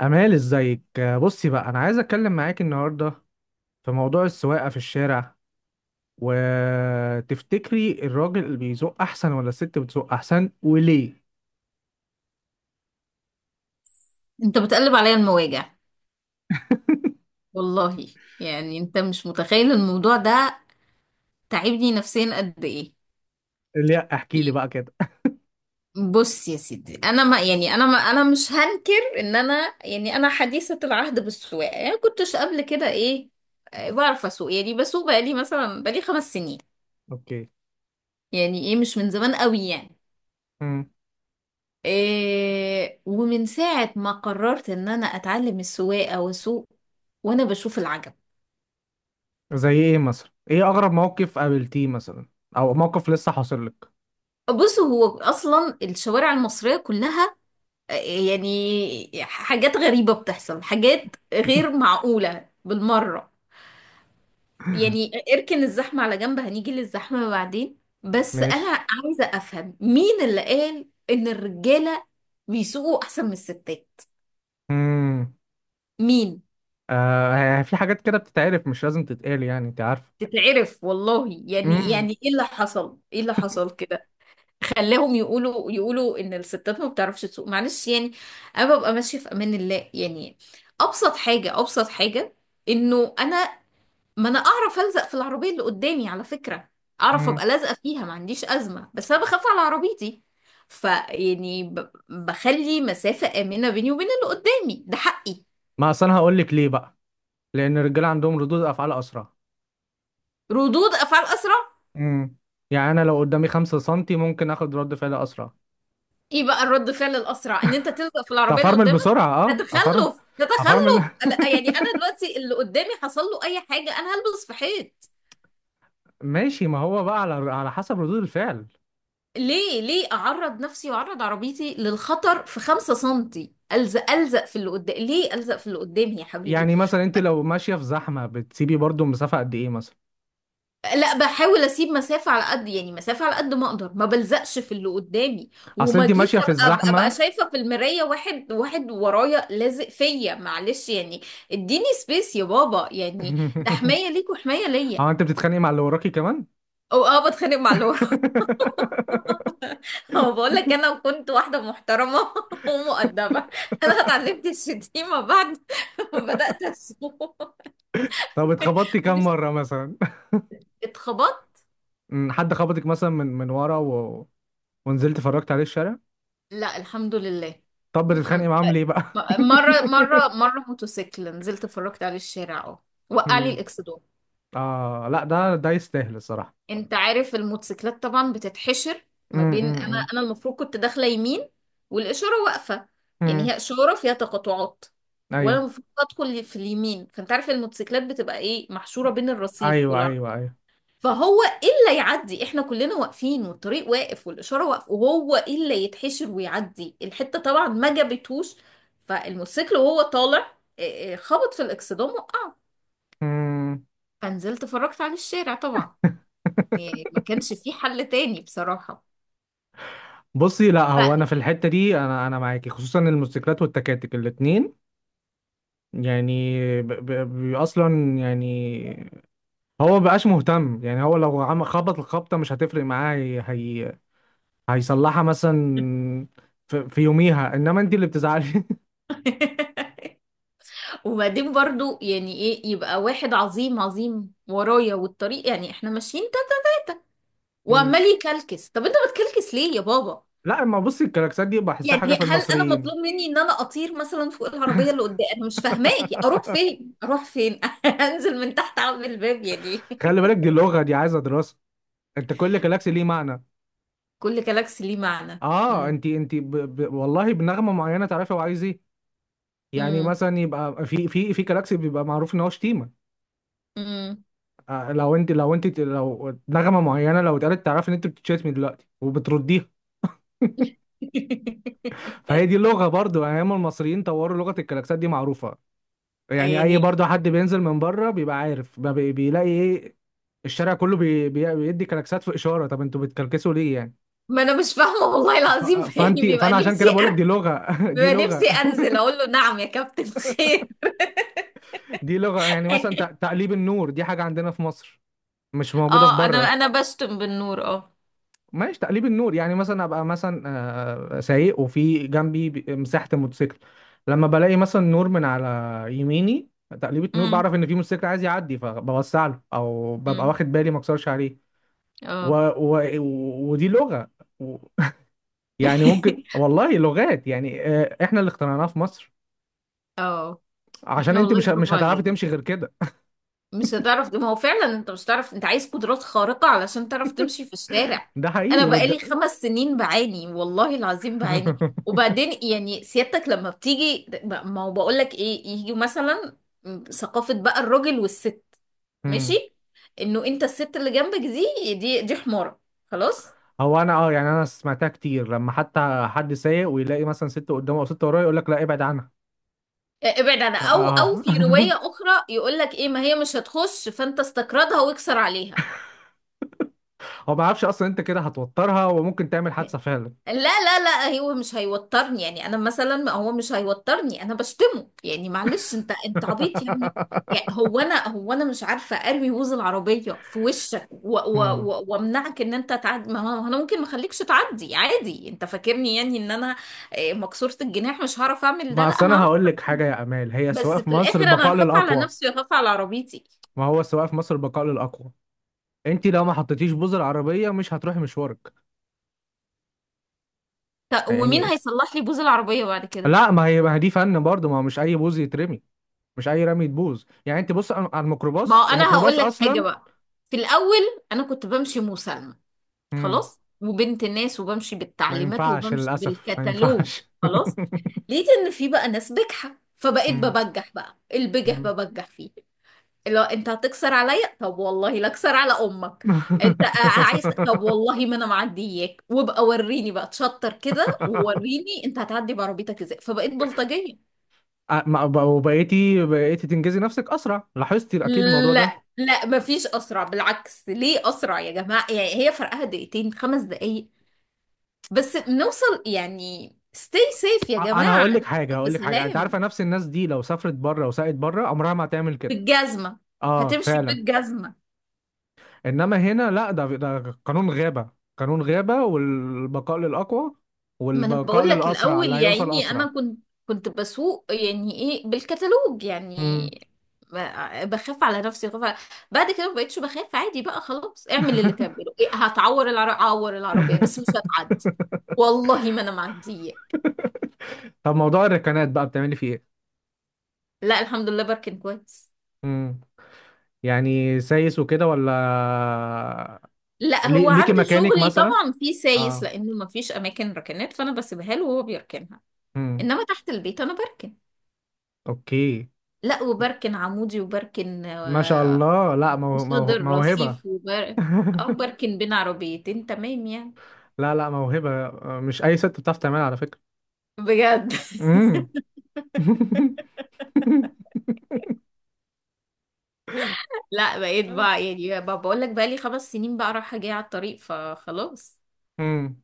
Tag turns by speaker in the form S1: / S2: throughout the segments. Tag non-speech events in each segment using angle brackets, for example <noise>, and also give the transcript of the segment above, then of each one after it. S1: أمال ازيك آه، بصي بقى، أنا عايز أتكلم معاك النهاردة في موضوع السواقة في الشارع، وتفتكري الراجل اللي بيزق أحسن ولا الست بتزق أحسن وليه؟
S2: انت بتقلب عليا المواجع،
S1: <laughs>
S2: والله. يعني انت مش متخيل الموضوع ده تعبني نفسيا قد ايه.
S1: لا احكي لي
S2: يعني
S1: بقى كده.
S2: بص يا سيدي، انا مش هنكر ان انا حديثة العهد بالسواقة، يعني كنتش قبل كده ايه. بعرف اسوق، يعني بسوق بقالي مثلا بقالي 5 سنين،
S1: أوكي.
S2: يعني ايه، مش من زمان قوي يعني.
S1: مم.
S2: إيه، ومن ساعة ما قررت ان انا اتعلم السواقة واسوق وانا بشوف العجب.
S1: زي إيه مثلا؟ إيه أغرب موقف قابلتيه مثلا؟ أو موقف لسه حاصل لك؟
S2: بص، هو اصلا الشوارع المصرية كلها يعني حاجات غريبة بتحصل، حاجات غير
S1: <laughs>
S2: معقولة بالمرة. يعني اركن الزحمة على جنب، هنيجي للزحمة بعدين. بس أنا
S1: ماشي.
S2: عايزة أفهم مين اللي قال إن الرجالة بيسوقوا أحسن من الستات؟
S1: مم.
S2: مين؟
S1: آه، في حاجات كده بتتعرف، مش لازم تتقال، أنت عارفة.
S2: تتعرف والله. يعني
S1: مم.
S2: يعني ايه اللي حصل، ايه اللي حصل كده خلاهم يقولوا يقولوا ان الستات ما بتعرفش تسوق؟ معلش يعني. انا ببقى ماشيه في امان الله يعني. ابسط حاجه ابسط حاجه انه انا، ما انا اعرف الزق في العربيه اللي قدامي على فكره، اعرف
S1: مم.
S2: ابقى لازقه فيها، ما عنديش ازمه. بس انا بخاف على عربيتي. فيعني بخلي مسافه امنه بيني وبين اللي قدامي، ده حقي.
S1: ما أصل أنا هقول لك ليه بقى؟ لأن الرجالة عندهم ردود أفعال أسرع.
S2: ردود افعال اسرع؟
S1: امم يعني انا لو قدامي 5 سنتي ممكن اخد رد فعل اسرع.
S2: ايه بقى الرد فعل الاسرع؟ ان انت تلزق في العربيه اللي
S1: تفرمل
S2: قدامك؟
S1: بسرعه،
S2: ده
S1: اه افرمل.
S2: تخلف، ده
S1: افرمل. <laughs>
S2: تخلف. لا، يعني انا دلوقتي اللي قدامي حصل له اي حاجه انا هلبس في حيط.
S1: ماشي، ما هو بقى على حسب ردود الفعل.
S2: ليه ليه اعرض نفسي واعرض عربيتي للخطر في 5 سنتي؟ الزق الزق في اللي قدامي؟ ليه الزق في اللي قدامي يا حبيبي؟
S1: يعني مثلا انت لو ماشيه في زحمه بتسيبي برضو مسافه قد ايه مثلا؟
S2: لا، بحاول اسيب مسافة على قد يعني مسافة على قد ما اقدر، ما بلزقش في اللي قدامي
S1: اصل
S2: وما
S1: انت
S2: اجيش
S1: ماشيه في
S2: ابقى ابقى
S1: الزحمه.
S2: شايفة في المراية واحد واحد ورايا لازق فيا. معلش يعني، اديني سبيس يا بابا. يعني ده
S1: <laughs>
S2: حماية ليك وحماية ليا.
S1: هو انت بتتخانقي مع اللي وراكي كمان؟ <laughs>
S2: او اه، بتخانق مع اللي ورا. <laughs> بقول لك انا كنت واحدة محترمة <laughs> ومؤدبة. انا اتعلمت الشتيمة بعد <laughs> ما بدأت اسوق.
S1: طب اتخبطتي
S2: <laughs>
S1: كام
S2: مش
S1: مره مثلا؟
S2: اتخبطت.
S1: حد خبطك مثلا من ورا و... ونزلت فرجت عليه الشارع؟
S2: لا الحمد لله.
S1: طب
S2: الحمد.
S1: بتتخانقي معاهم ليه بقى؟
S2: مرة موتوسيكل نزلت اتفرجت عليه الشارع، اه. وقع لي
S1: <laughs>
S2: الاكسدون.
S1: اه لا، ده يستاهل الصراحة.
S2: انت عارف الموتوسيكلات طبعا بتتحشر ما
S1: امم
S2: بين، انا
S1: امم
S2: انا المفروض كنت داخلة يمين والاشارة واقفة. يعني
S1: امم
S2: هي اشارة فيها تقاطعات وانا
S1: ايوه،
S2: المفروض ادخل في اليمين، فانت عارف الموتوسيكلات بتبقى ايه، محشورة بين الرصيف.
S1: ايوه ايوه ايوه
S2: فهو ايه اللي يعدي؟ احنا كلنا واقفين والطريق واقف والاشاره واقف، وهو ايه اللي يتحشر ويعدي الحته؟ طبعا ما جابتهوش، فالموتوسيكل وهو طالع إيه، خبط في الاكسدام وقع.
S1: امم.
S2: فنزلت اتفرجت على الشارع طبعا،
S1: <laughs>
S2: يعني ما كانش في حل تاني بصراحه.
S1: بصي، لا هو انا
S2: ف...
S1: في الحتة دي انا معاكي، خصوصا الموتوسيكلات والتكاتك الاتنين. يعني ب ب ب اصلا يعني هو مبقاش مهتم، يعني هو لو عم خبط الخبطة مش هتفرق معاه. هي هي هيصلحها مثلا في, في يوميها، انما انت اللي بتزعلي.
S2: <laughs> وبعدين برضو يعني ايه، يبقى واحد عظيم عظيم ورايا والطريق يعني احنا ماشيين تلاتة
S1: <laughs> مم.
S2: وعمال يكلكس. طب انت بتكلكس ليه يا بابا؟
S1: لا ما بصي، الكلاكسات دي بحسها حاجة
S2: يعني
S1: في
S2: هل انا
S1: المصريين.
S2: مطلوب مني ان انا اطير مثلا فوق العربيه اللي قدام؟ انا مش فاهماكي، اروح
S1: <laughs>
S2: فين اروح فين؟ <laughs> انزل من تحت اعمل الباب يعني؟
S1: خلي بالك، دي
S2: <laughs>
S1: اللغة دي عايزة دراسة. انت كل جالاكسي ليه معنى.
S2: كل جالاكسي ليه معنى.
S1: اه، والله بنغمة معينة تعرفي هو عايز ايه. يعني
S2: امم
S1: مثلا يبقى في جالاكسي بيبقى معروف ان هو شتيمة.
S2: امم
S1: آه، لو نغمة معينة لو اتقالت تعرفي ان انت بتتشتمي دلوقتي وبترديها.
S2: <laughs>
S1: فهي دي اللغة برضو، ايام المصريين طوروا لغة، الجالاكسات دي معروفة. يعني اي
S2: يعني
S1: برضو حد بينزل من بره بيبقى عارف بقى بيلاقي ايه. الشارع كله بيدي كلاكسات في اشارة، طب انتوا بتكلكسوا ليه يعني؟
S2: ما انا مش فاهمه والله
S1: ف-
S2: العظيم. <laughs>
S1: فانت
S2: يعني بيبقى
S1: فانا عشان
S2: نفسي
S1: كده بقول لك دي لغه. <laughs> دي
S2: بيبقى نفسي
S1: لغه.
S2: انزل اقول له نعم يا كابتن، خير؟
S1: <laughs> دي لغه. يعني مثلا
S2: <laughs>
S1: تقليب النور دي حاجه عندنا في مصر، مش موجوده في
S2: اه انا
S1: بره.
S2: انا بشتم بالنور، اه.
S1: ماشي، تقليب النور يعني مثلا ابقى مثلا آه، سايق وفي جنبي مساحه الموتوسيكل، لما بلاقي مثلا نور من على يميني، تقليبة نور
S2: امم
S1: بعرف ان في موتوسيكل عايز يعدي فبوسع له، او ببقى
S2: امم
S1: واخد بالي ما اكسرش عليه. و...
S2: اه
S1: و... ودي لغه. و... يعني ممكن
S2: <laughs>
S1: والله لغات، يعني آه، احنا اللي اخترعناها في مصر،
S2: اه،
S1: عشان
S2: احنا
S1: انت
S2: والله
S1: مش
S2: برافو
S1: هتعرفي
S2: علينا.
S1: تمشي غير كده.
S2: مش هتعرف، ما هو فعلا انت مش هتعرف. انت عايز قدرات خارقة علشان تعرف تمشي في الشارع.
S1: ده حقيقي
S2: انا بقالي
S1: والد...
S2: 5 سنين بعاني والله العظيم، بعاني.
S1: <laughs>
S2: وبعدين يعني سيادتك لما بتيجي، ما هو بقول لك ايه، يجي مثلا ثقافة بقى الراجل والست. ماشي،
S1: مم.
S2: انه انت الست اللي جنبك دي حمارة. خلاص.
S1: هو انا اه، يعني انا سمعتها كتير، لما حتى حد سايق ويلاقي مثلا ست قدامه او ست وراه يقول لك لا ابعد عنها.
S2: اه، ابعد عنها، او او في رواية
S1: اه.
S2: اخرى يقول لك ايه، ما هي مش هتخش فانت استكردها واكسر عليها.
S1: <laughs> هو ما يعرفش اصلا انت كده هتوترها وممكن تعمل حادثه فعلا.
S2: لا، لا، لا، هو مش هيوترني. يعني انا مثلا، ما هو مش هيوترني. انا بشتمه يعني، معلش، انت انت عبيط يعني. يعني
S1: <laughs>
S2: هو انا مش عارفه اروي ووز العربيه في وشك
S1: مم.
S2: وامنعك ان انت تعدي؟ ما هو انا ممكن ما اخليكش تعدي عادي. انت فاكرني يعني ان انا مكسوره الجناح؟ مش هعرف اعمل ده؟
S1: ما
S2: لا،
S1: اصل انا
S2: هعرف.
S1: هقول لك حاجه يا امال، هي السواقه
S2: بس
S1: في
S2: في
S1: مصر
S2: الاخر
S1: البقاء
S2: انا هخاف على
S1: للاقوى.
S2: نفسي وهخاف على عربيتي.
S1: ما هو السواقه في مصر البقاء للاقوى، انت لو ما حطيتيش بوز العربيه مش هتروحي مشوارك.
S2: ومين
S1: يعني
S2: هيصلح لي بوز العربيه بعد كده؟
S1: لا، ما هي دي فن برضه، ما هو مش اي بوز يترمي، مش اي رمي تبوظ. يعني انت بص على
S2: ما
S1: الميكروباص،
S2: هو انا
S1: الميكروباص
S2: هقول لك حاجه
S1: اصلا.
S2: بقى. في الاول انا كنت بمشي مسالمه
S1: مم.
S2: خلاص، وبنت ناس، وبمشي
S1: ما
S2: بالتعليمات،
S1: ينفعش
S2: وبمشي
S1: للاسف، ما
S2: بالكتالوج.
S1: ينفعش
S2: خلاص، لقيت ان في بقى ناس بجحة
S1: <laughs>
S2: فبقيت
S1: مم.
S2: ببجح. بقى البجح
S1: مم.
S2: ببجح فيه. اللي هو انت هتكسر عليا؟ طب والله لا اكسر على امك. انت
S1: <laughs>
S2: عايز، طب والله ما انا معدياك. وابقى وريني بقى تشطر كده، ووريني انت هتعدي بعربيتك ازاي. فبقيت بلطجية.
S1: أ- ما- ب- وبقيتي بقيتي تنجزي نفسك اسرع، لاحظتي اكيد الموضوع ده؟
S2: لا، لا، مفيش اسرع بالعكس. ليه اسرع يا جماعه؟ يعني هي فرقها دقيقتين 5 دقايق بس نوصل يعني. Stay safe يا
S1: انا
S2: جماعة،
S1: هقول لك حاجه،
S2: نوصل
S1: انت عارفه
S2: بسلام.
S1: نفس الناس دي لو سافرت بره وسقت بره عمرها ما هتعمل كده.
S2: بالجزمة،
S1: اه
S2: هتمشي
S1: فعلا.
S2: بالجزمة.
S1: انما هنا لا، ده قانون غابه، قانون غابه، والبقاء للاقوى،
S2: ما انا
S1: والبقاء
S2: بقول لك
S1: للاسرع،
S2: الاول،
S1: اللي
S2: يا
S1: هيوصل
S2: عيني انا
S1: اسرع.
S2: كنت بسوق يعني ايه، بالكتالوج يعني.
S1: مم.
S2: بخاف على نفسي، بعد كده ما بقتش بخاف عادي. بقى خلاص اعمل اللي تعمله. إيه، هتعور العربية؟ اعور العربية بس
S1: <laughs>
S2: مش هتعدي، والله ما انا معدية.
S1: طب موضوع الركنات بقى بتعملي فيه ايه؟
S2: لا الحمد لله، بركن كويس.
S1: امم، يعني سايس وكده ولا
S2: لا هو
S1: ليكي
S2: عنده
S1: مكانك
S2: شغلي
S1: مثلا؟
S2: طبعا في سايس،
S1: اه.
S2: لانه ما فيش اماكن ركنات، فانا بسيبها له وهو بيركنها.
S1: امم.
S2: انما تحت البيت انا بركن.
S1: اوكي.
S2: لا، وبركن عمودي، وبركن،
S1: ما شاء الله، لا
S2: قصاد
S1: موهبة.
S2: الرصيف، وبر، او
S1: <laughs>
S2: بركن بين عربيتين، تمام يعني.
S1: لا لا، موهبة، مش اي ست بتعرف تعملها على فكرة.
S2: بجد.
S1: امم. <laughs>
S2: <laughs> لا بقيت بقى يعني، بقى بقول لك، بقى لي 5 سنين بقى رايحه جايه على الطريق فخلاص.
S1: امم.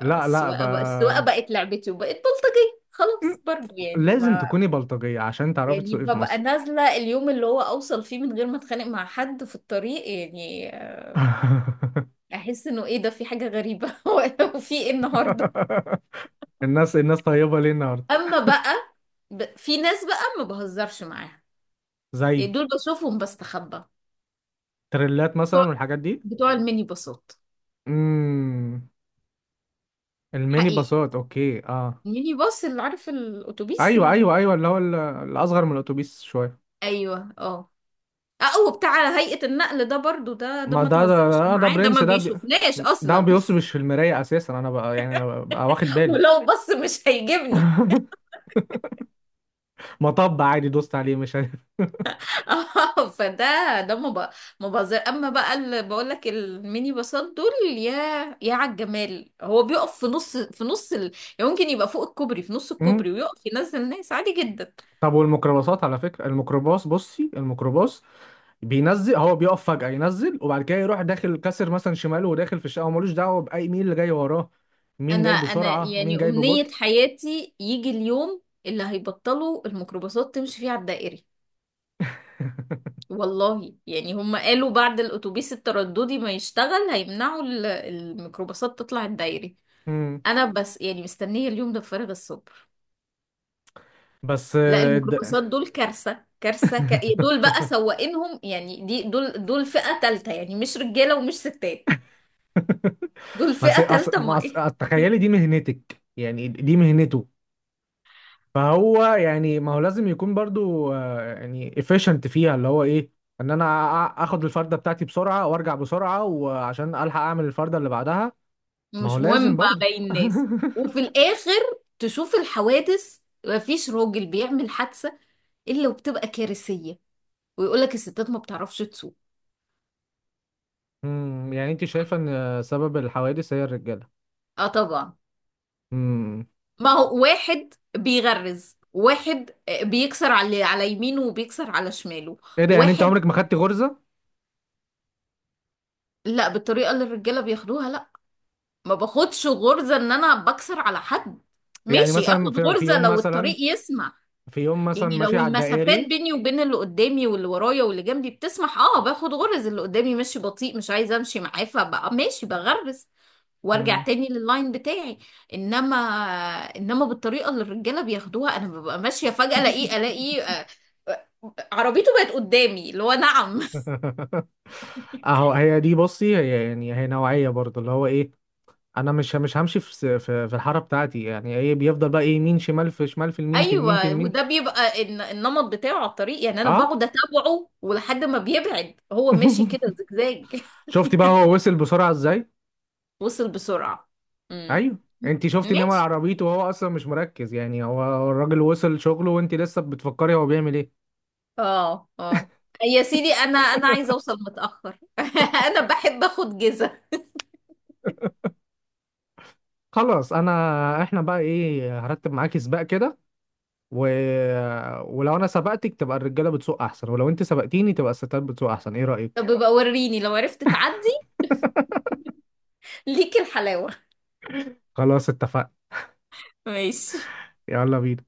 S1: لا لا ب...
S2: بقى، السواقه بقت لعبتي، وبقت بلطجيه
S1: مم.
S2: خلاص برضه يعني
S1: لازم
S2: ما.
S1: تكوني بلطجية عشان تعرفي
S2: يعني
S1: تسوقي في
S2: ببقى
S1: مصر.
S2: نازلة اليوم اللي هو أوصل فيه من غير ما أتخانق مع حد في الطريق، يعني
S1: <laughs>
S2: أحس إنه إيه ده، في حاجة غريبة. <laughs> وفي إيه النهاردة؟
S1: الناس، الناس طيبة ليه النهاردة؟
S2: أما بقى، في ناس بقى ما بهزرش معاها. يعني
S1: زي
S2: دول بشوفهم بستخبى.
S1: تريلات مثلا
S2: بتوع
S1: والحاجات دي؟
S2: بتوع الميني باصات.
S1: امم. الميني
S2: حقيقي.
S1: باصات، اوكي، اه.
S2: الميني باص اللي عارف، الأتوبيس
S1: ايوه اللي هو الاصغر من الاتوبيس شويه.
S2: أيوه، أه. اه، وبتاع هيئة النقل ده برضو، ده
S1: ما
S2: ما
S1: ده ده
S2: تهزرش
S1: ده, ده
S2: معاه، ده ما
S1: برنس،
S2: بيشوفناش
S1: ده ما
S2: أصلا.
S1: بيصبش في المرايه اساسا. انا بقى يعني أنا بقى واخد
S2: <laughs>
S1: بالي.
S2: ولو بص مش هيجيبني.
S1: <laughs> مطب عادي دوست عليه مش عارف.
S2: <laughs> اه، فده، ده مب- مبذر. اما بقى اللي بقول لك الميني باصات دول، يا يا على الجمال. هو بيقف في نص، يعني ممكن يبقى فوق الكوبري في نص
S1: امم.
S2: الكوبري ويقف ينزل ناس عادي جدا.
S1: طب والميكروباصات على فكره، الميكروباص، بصي الميكروباص بينزل، هو بيقف فجاه ينزل، وبعد كده يروح داخل كسر مثلا شماله وداخل في الشقه، وملوش دعوه باي مين اللي جاي وراه، مين
S2: انا
S1: جاي
S2: انا
S1: بسرعه مين
S2: يعني
S1: جاي
S2: امنية
S1: ببطء.
S2: حياتي يجي اليوم اللي هيبطلوا الميكروباصات تمشي فيه على الدائري، والله يعني. هم قالوا بعد الاتوبيس الترددي ما يشتغل هيمنعوا الميكروباصات تطلع الدائري.
S1: <laughs>
S2: انا بس يعني مستنية اليوم ده بفارغ الصبر.
S1: بس
S2: لا
S1: آه،
S2: الميكروباصات دول كارثة كارثة دول
S1: <laughs>
S2: بقى سواقينهم يعني، دي دول فئة تالتة يعني، مش رجالة ومش ستات. دول
S1: ما انت
S2: فئة
S1: أص...
S2: تالتة
S1: ما أص...
S2: معايا.
S1: تخيلي دي مهنتك، يعني دي مهنته. فهو يعني ما هو لازم يكون برضو آه، يعني efficient فيها، اللي هو ايه، ان انا اخد الفردة بتاعتي بسرعة وارجع بسرعة وعشان الحق اعمل الفردة اللي بعدها. ما هو
S2: مش
S1: لازم
S2: مهم بقى
S1: برضو.
S2: باقي الناس. وفي
S1: <laughs>
S2: الآخر تشوف الحوادث. مفيش راجل بيعمل حادثة إلا وبتبقى كارثية، ويقولك الستات ما بتعرفش تسوق.
S1: امم، يعني انت شايفة ان سبب الحوادث هي الرجالة؟
S2: اه طبعا،
S1: امم.
S2: ما هو واحد بيغرز، واحد بيكسر على يمينه وبيكسر على شماله.
S1: ايه ده، يعني انت
S2: واحد.
S1: عمرك ما خدتي غرزة؟
S2: لا بالطريقة اللي الرجالة بياخدوها، ما باخدش غرزة ان انا بكسر على حد.
S1: يعني
S2: ماشي،
S1: مثلا
S2: اخد
S1: في في
S2: غرزة
S1: يوم
S2: لو
S1: مثلا،
S2: الطريق يسمح. يعني
S1: ماشي
S2: لو
S1: على
S2: المسافات
S1: الدائري؟
S2: بيني وبين اللي قدامي واللي ورايا واللي جنبي بتسمح، اه باخد غرز. اللي قدامي ماشي بطيء مش عايزة امشي معاه، فبقى ماشي بغرز وارجع
S1: مم.
S2: تاني لللاين بتاعي. انما انما بالطريقة اللي الرجالة بياخدوها انا ببقى ماشية فجأة الاقيه آه، عربيته بقت قدامي، اللي هو نعم؟
S1: <laughs> اهو هي دي، بصي هي يعني هي نوعية برضه، اللي هو ايه، انا مش همشي في في الحارة بتاعتي، يعني ايه، بيفضل بقى ايه، يمين شمال، في شمال، في اليمين في
S2: ايوه،
S1: اليمين.
S2: وده بيبقى النمط بتاعه على الطريق. يعني انا
S1: اه.
S2: بقعد اتابعه ولحد ما بيبعد، هو ماشي كده
S1: <laughs>
S2: زجزاج. <laughs>
S1: شفتي بقى هو وصل بسرعة ازاي؟
S2: وصل بسرعه. امم.
S1: ايوه. انت شفتي نمر
S2: ماشي.
S1: عربيته، وهو اصلا مش مركز. يعني هو الراجل وصل شغله وانت لسه بتفكري هو بيعمل ايه.
S2: اه، اه. يا سيدي انا انا عايزه اوصل متاخر. <laughs> انا بحب اخد جزة.
S1: خلاص انا، احنا بقى ايه، هرتب معاكي سباق كده و... ولو انا سبقتك تبقى الرجالة بتسوق احسن، ولو انت سبقتيني تبقى الستات بتسوق احسن، ايه رأيك؟
S2: طب يبقى وريني لو عرفت تعدي،
S1: <laughs>
S2: ليك الحلاوه.
S1: خلاص، اتفقنا.
S2: <laughs> ماشي.
S1: يلا بينا.